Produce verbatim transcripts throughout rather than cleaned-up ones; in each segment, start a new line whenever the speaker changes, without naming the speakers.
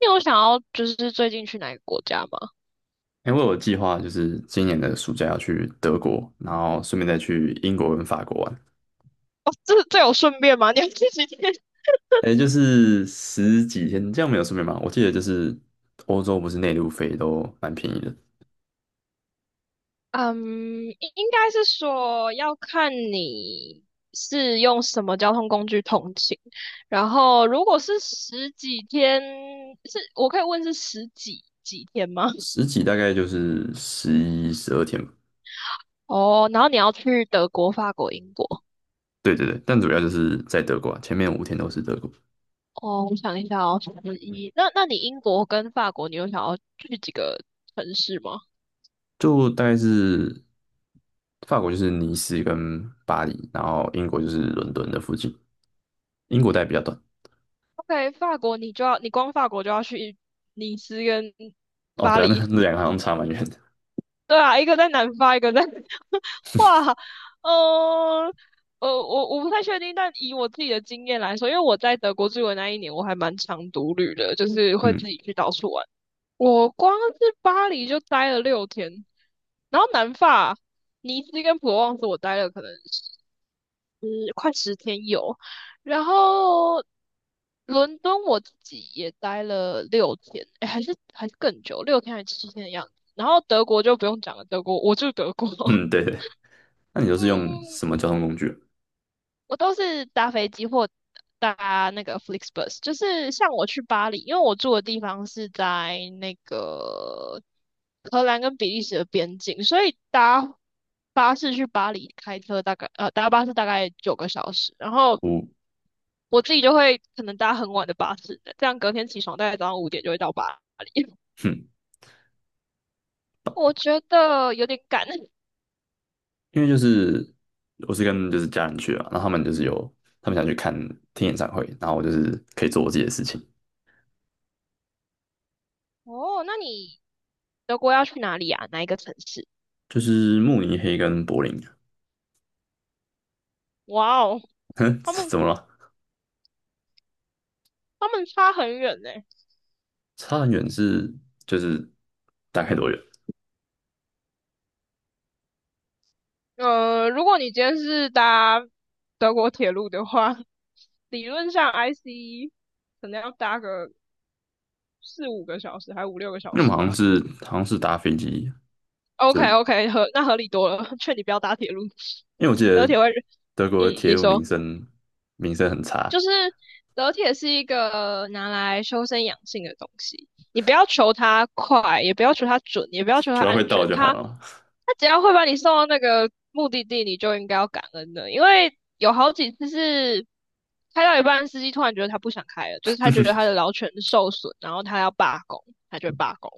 你有想要就是最近去哪个国家吗？
因为我有计划就是今年的暑假要去德国，然后顺便再去英国跟法国玩。
哦，这这有顺便吗？你要去几天？
诶，就是十几天，这样没有顺便吗？我记得就是欧洲不是内陆飞都蛮便宜的，
嗯，应应该是说要看你是用什么交通工具通勤，然后如果是十几天，是我可以问是十几几天吗？
十几大概就是十一、十二天吧。
哦，然后你要去德国、法国、英国。
对对对，但主要就是在德国啊，前面五天都是德国，
哦，我想一下哦，十一。那那你英国跟法国，你有想要去几个城市吗？
就大概是法国就是尼斯跟巴黎，然后英国就是伦敦的附近，英国待比较短。
OK，法国你就要，你光法国就要去尼斯跟
哦，
巴
对啊，那
黎，
那两个好像差蛮远的。
对啊，一个在南法，一个在，哇，呃，呃，我我不太确定，但以我自己的经验来说，因为我在德国住的那一年，我还蛮常独旅的，就是会自
嗯
己去到处玩。我光是巴黎就待了六天，然后南法尼斯跟普罗旺斯我待了可能嗯快十天有，然后伦敦我自己也待了六天，哎，还是还是更久，六天还是七天的样子。然后德国就不用讲了，德国我住德国，
嗯，对对。那你都是用
嗯，
什么交通工具啊
我都是搭飞机或搭那个 FlixBus，就是像我去巴黎，因为我住的地方是在那个荷兰跟比利时的边境，所以搭巴士去巴黎，开车大概呃搭巴士大概九个小时，然后
我，
我自己就会可能搭很晚的巴士，这样隔天起床大概早上五点就会到巴黎。
哼，
我觉得有点赶。
因为就是我是跟就是家人去啊，然后他们就是有他们想去看听演唱会，然后我就是可以做我自己的事情，
哦，那你德国要去哪里啊？哪一个城市？
就是慕尼黑跟柏林，
哇哦，
哼，
他们
怎么了？
他们差很远呢、
差很远是就是大概多远？
呃，如果你今天是搭德国铁路的话，理论上 I C 可能要搭个四五个小时，还五六个小
因为我们
时
好像
吧。
是好像是搭飞机，就
OK
因
OK，合那合理多了，劝你不要搭铁路，
为我记
德
得
铁会，
德国
嗯，
的铁
你
路
说，
名声名声很差，
就是德铁是一个拿来修身养性的东西，你不要求它快，也不要求它准，也不要求它
只要会
安
到
全，
就好
它
了，
它只要会把你送到那个目的地，你就应该要感恩的，因为有好几次是。开到一半，司机突然觉得他不想开了，就是他觉得他的劳权受损，然后他要罢工，他就会罢工，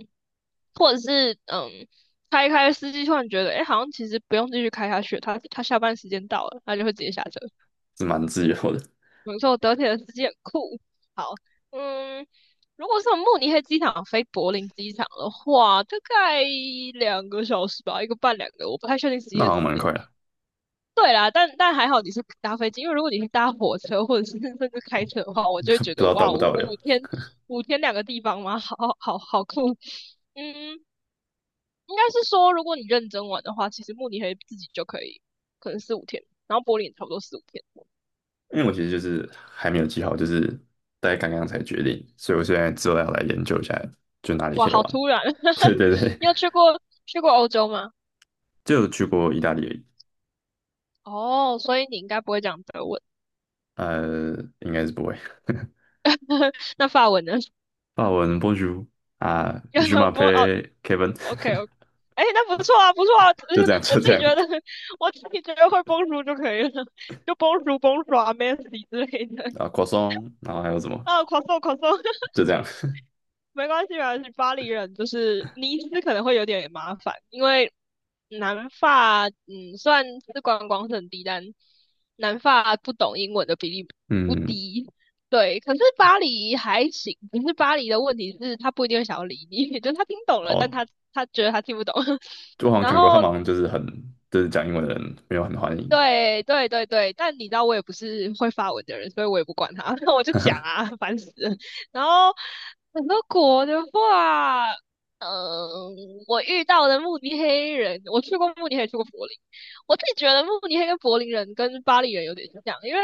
或者是嗯，开一开，司机突然觉得，哎、欸好像其实不用继续开下去他他下班时间到了，他就会直接下车。
是蛮自由的，
没错，德铁的司机很酷。好，嗯，如果是从慕尼黑机场飞柏林机场的话，大概两个小时吧，一个半两个，我不太确定实际
那
的
好
时
像蛮
间。
快的，
对啦，但但还好你是搭飞机，因为如果你是搭火车或者是甚至开车的话，我就会
不
觉
知
得
道到
哇，
不
五
到的。
五天五天两个地方吗？好好好酷。嗯，应该是说如果你认真玩的话，其实慕尼黑自己就可以，可能四五天，然后柏林也差不多四五天。
因为我其实就是还没有记好，就是大概刚刚才决定，所以我现在之后要来研究一下，就哪里
哇，
可以
好
玩。
突然！
对 对对，
你有去过去过欧洲吗？
就有去过意大利而已
哦，所以你应该不会讲德文，
呃，应该是不会。
那法文呢？
法文 Bonjour 啊，Je
不，哦
m'appelle Kevin,
，OK OK，哎，那不错啊，不错啊，
就这样
我
就
自
这
己觉
样
得，我自己觉得会 b o 就可以了，就 b o n j o u 之类的。
啊，croissant,然后还有什么？
啊 c r o i
就这样。
没关系，没关系。巴黎人就是尼斯可能会有点麻烦，因为南法，嗯，虽然是观光胜低，但南法不懂英文的比例不
嗯，
低。对，可是巴黎还行，可是巴黎的问题是，他不一定会想要理你，就是他听懂了，但
哦，
他他觉得他听不懂。
我好 像
然
看过，他
后，
们好像就是很就是讲英文的人没有很欢迎，
对对对对，但你知道我也不是会发文的人，所以我也不管他，我就讲啊，烦死了。然后很多国的话，嗯，我遇到的慕尼黑人，我去过慕尼黑，去过柏林。我自己觉得慕尼黑跟柏林人跟巴黎人有点像，因为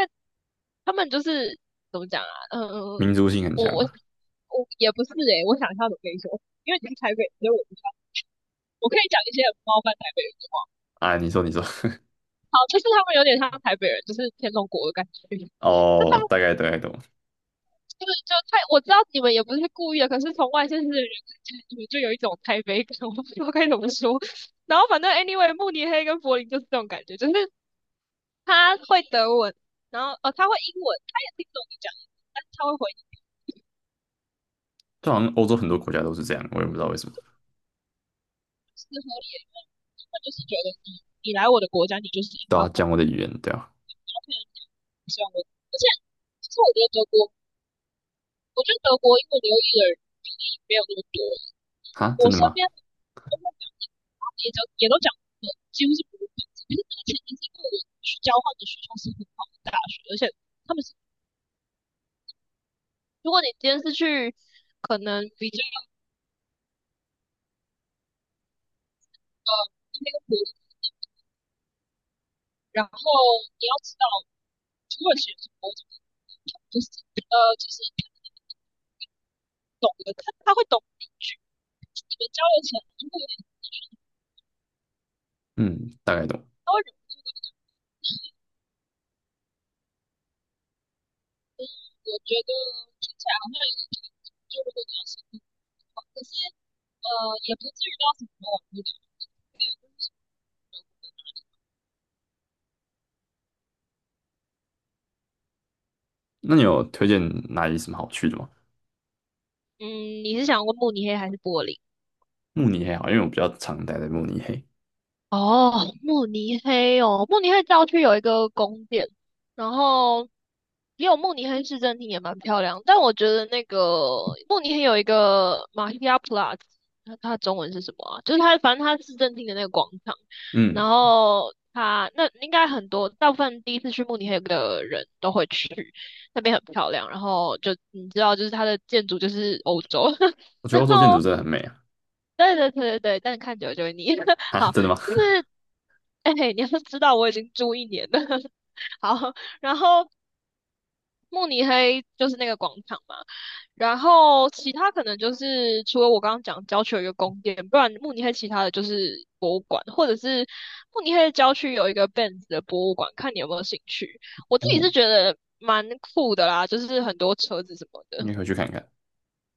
他们就是怎么讲啊？嗯，
民族性很
我
强
我
嘛。
我也不是诶、我想一下怎么跟你说，因为你是台北人所以我不知道。我可以讲一些很冒犯台北人的话。
啊，你说你说，
好，就是他们有点像台北人，就是天龙国的感觉。就他
哦，
们
大概大概懂，
对，就太我知道你们也不是故意的，可是从外县市的人看起来，你们就有一种台北感，我不知道该怎么说。然后反正 anyway，慕尼黑跟柏林就是这种感觉，就是他会德文，然后哦他会英文，他也听不懂你讲英文，但是他会回你
就好像欧洲很多国家都是这样，我也不知道为什么。
是合理的，他就是觉得你你来我的国家，你就是应
对
该
啊，
我
讲我的语言，对啊，
，OK，希望我，而且其实我觉得德国，我觉得德国英文流利的人比例没有那么多，
哈，
我
真的
身
吗？
边的都会讲，也都也都讲的几乎是不会本地，可是那个前提是因为我去交换的学校是很好的大学，而且他们是如果你今天是去可能比较呃那个国，然后你要知道土耳其人是某种就是呃就是懂得他他会懂你句，你们交流起来就会有点
嗯，大概懂。
高人。嗯，我觉得听起来好像有点，就如果你要深入的话，可是呃也不至于到什么网络的。
那你有推荐哪里什么好去的吗？
嗯，你是想问慕尼黑还是柏林？
慕尼黑好，因为我比较常待在慕尼黑。
哦，慕尼黑哦，慕尼黑郊区有一个宫殿，然后也有慕尼黑市政厅也蛮漂亮，但我觉得那个慕尼黑有一个马希亚普拉兹，它它的中文是什么啊？就是它反正它市政厅的那个广场，
嗯，
然后它那应该很多大部分第一次去慕尼黑的人都会去，那边很漂亮，然后就你知道，就是它的建筑就是欧洲，
我 觉得
然
欧洲建筑
后
真的很美啊。
对对对对对，但是看久了就会腻。
哈，
好，
真的吗？
就是，哎、你要知道我已经住一年了。好，然后慕尼黑就是那个广场嘛，然后其他可能就是除了我刚刚讲郊区有一个宫殿，不然慕尼黑其他的就是博物馆，或者是慕尼黑的郊区有一个 Benz 的博物馆，看你有没有兴趣。我自己
哦，
是觉得蛮酷的啦，就是很多车子什么的。
你也回去看看。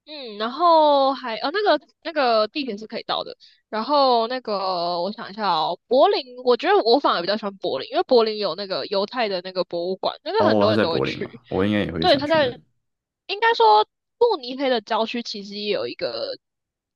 嗯，然后还呃那个那个地铁是可以到的，然后那个我想一下哦，柏林，我觉得我反而比较喜欢柏林，因为柏林有那个犹太的那个博物馆，那个很
哦，
多
他
人
在
都会
柏林嘛，
去。
我应该也会
对，
想
他
去那
在
里。
应该说慕尼黑的郊区其实也有一个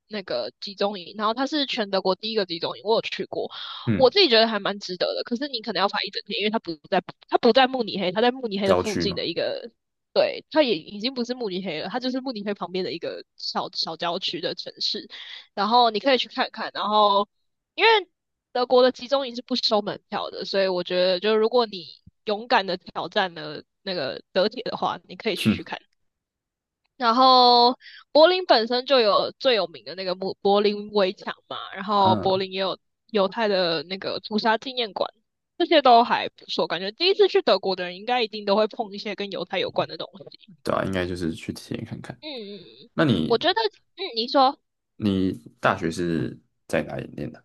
那个集中营，然后它是全德国第一个集中营，我有去过，我
嗯，
自己觉得还蛮值得的。可是你可能要排一整天，因为它不在它不在慕尼黑，它在慕尼黑的
郊
附
区
近
嘛，
的一个对，它也已经不是慕尼黑了，它就是慕尼黑旁边的一个小小郊区的城市。然后你可以去看看。然后，因为德国的集中营是不收门票的，所以我觉得，就如果你勇敢的挑战了那个德铁的话，你可以去
哼，
去看。然后，柏林本身就有最有名的那个慕柏林围墙嘛，然后柏
嗯，
林也有犹太的那个屠杀纪念馆。这些都还不错，感觉第一次去德国的人应该一定都会碰一些跟犹太有关的东西。
对啊，应该就是去体验看看。
嗯嗯，
那
我
你
觉得，嗯，你说，
你大学是在哪里念的？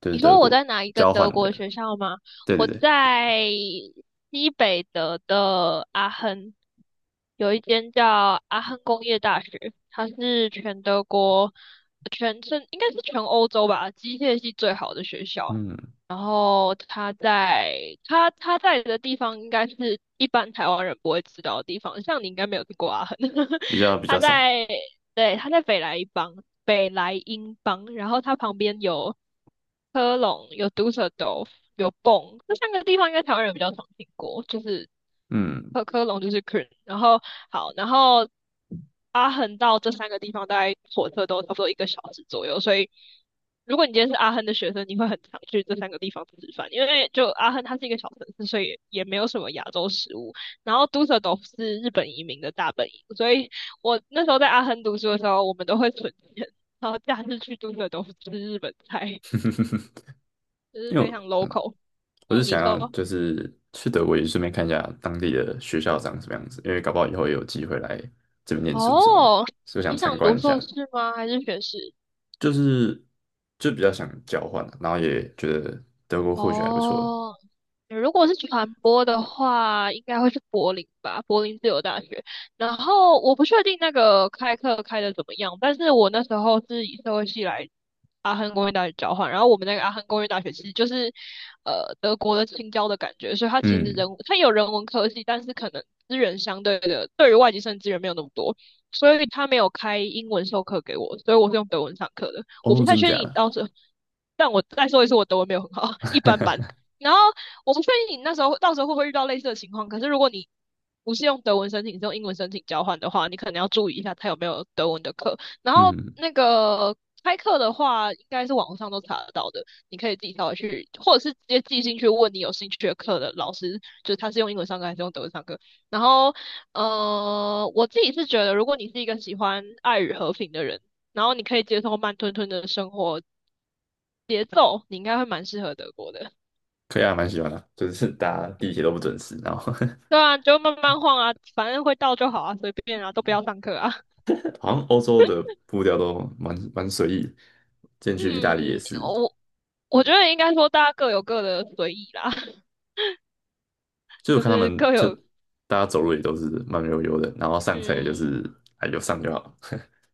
就是
你
德
说我
国
在哪一个
交换
德国
的。
学校吗？
对对
我
对，
在西北德的阿亨，有一间叫阿亨工业大学，它是全德国、全是应该是全欧洲吧，机械系最好的学校。
嗯，
然后它在它它在的地方，应该是一般台湾人不会知道的地方，像你应该没有去过阿亨，
比较比较
它
少。
在。对，他在北莱茵邦，北莱茵邦，然后它旁边有科隆，有杜塞尔多夫，有蹦，这三个地方应该台湾人比较常听过，就是
嗯，
科科隆就是 K O N 然后好，然后阿亨到这三个地方大概火车都差不多一个小时左右，所以如果你今天是阿亨的学生，你会很常去这三个地方吃饭，因为就阿亨它是一个小城市，所以也没有什么亚洲食物，然后杜塞尔多夫是日本移民的大本营，所以。我那时候在阿亨读书的时候，我们都会存钱，然后假日去住的都是吃日本菜，就是
因为
非
我。
常 local。
我是
嗯，你
想要
说，
就是去德国也顺便看一下当地的学校长什么样子，因为搞不好以后也有机会来这边念书什么的，
哦，
所以我想
你
参
想
观
读
一下，
硕士吗？还是学士？
就是就比较想交换啊然后也觉得德国或许还不错的。
哦，如果是传播的话，应该会是柏林吧，柏林自由大学。然后我不确定那个开课开的怎么样，但是我那时候是以社会系来阿亨工业大学交换，然后我们那个阿亨工业大学其实就是呃德国的青椒的感觉，所以它其实
嗯，
人它有人文科技，但是可能资源相对的对于外籍生资源没有那么多，所以他没有开英文授课给我，所以我是用德文上课的。我不
哦，
太
真
确
假
定你
的？
到时候。但我再说一次，我德文没有很好，一般般。然后我不确定你那时候到时候会不会遇到类似的情况，可是如果你不是用德文申请，是用英文申请交换的话，你可能要注意一下他有没有德文的课。然后
嗯，
那个开课的话，应该是网上都查得到的，你可以自己跳微去，或者是直接寄信去问你有兴趣的课的老师，就是他是用英文上课还是用德文上课。然后，呃，我自己是觉得，如果你是一个喜欢爱与和平的人，然后你可以接受慢吞吞的生活，节奏，你应该会蛮适合德国的。
可以啊，蛮喜欢的，就是大家地铁都不准时，然后
对 啊，就慢慢晃啊，反正会到就好啊，随便啊，都不要上课啊。
好像欧洲的步调都蛮蛮随意进去意大利也
嗯，
是，
我我觉得应该说大家各有各的随意啦，
就我
就
看他
是
们
各
就
有
大家走路也都是慢悠悠的，然后上车也就
嗯，
是哎有上就好。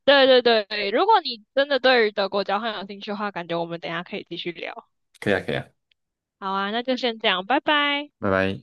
对对对。如果你真的对于德国交换有兴趣的话，感觉我们等一下可以继续聊。
可以啊，可以啊，
好啊，那就先这样，拜拜。
拜拜。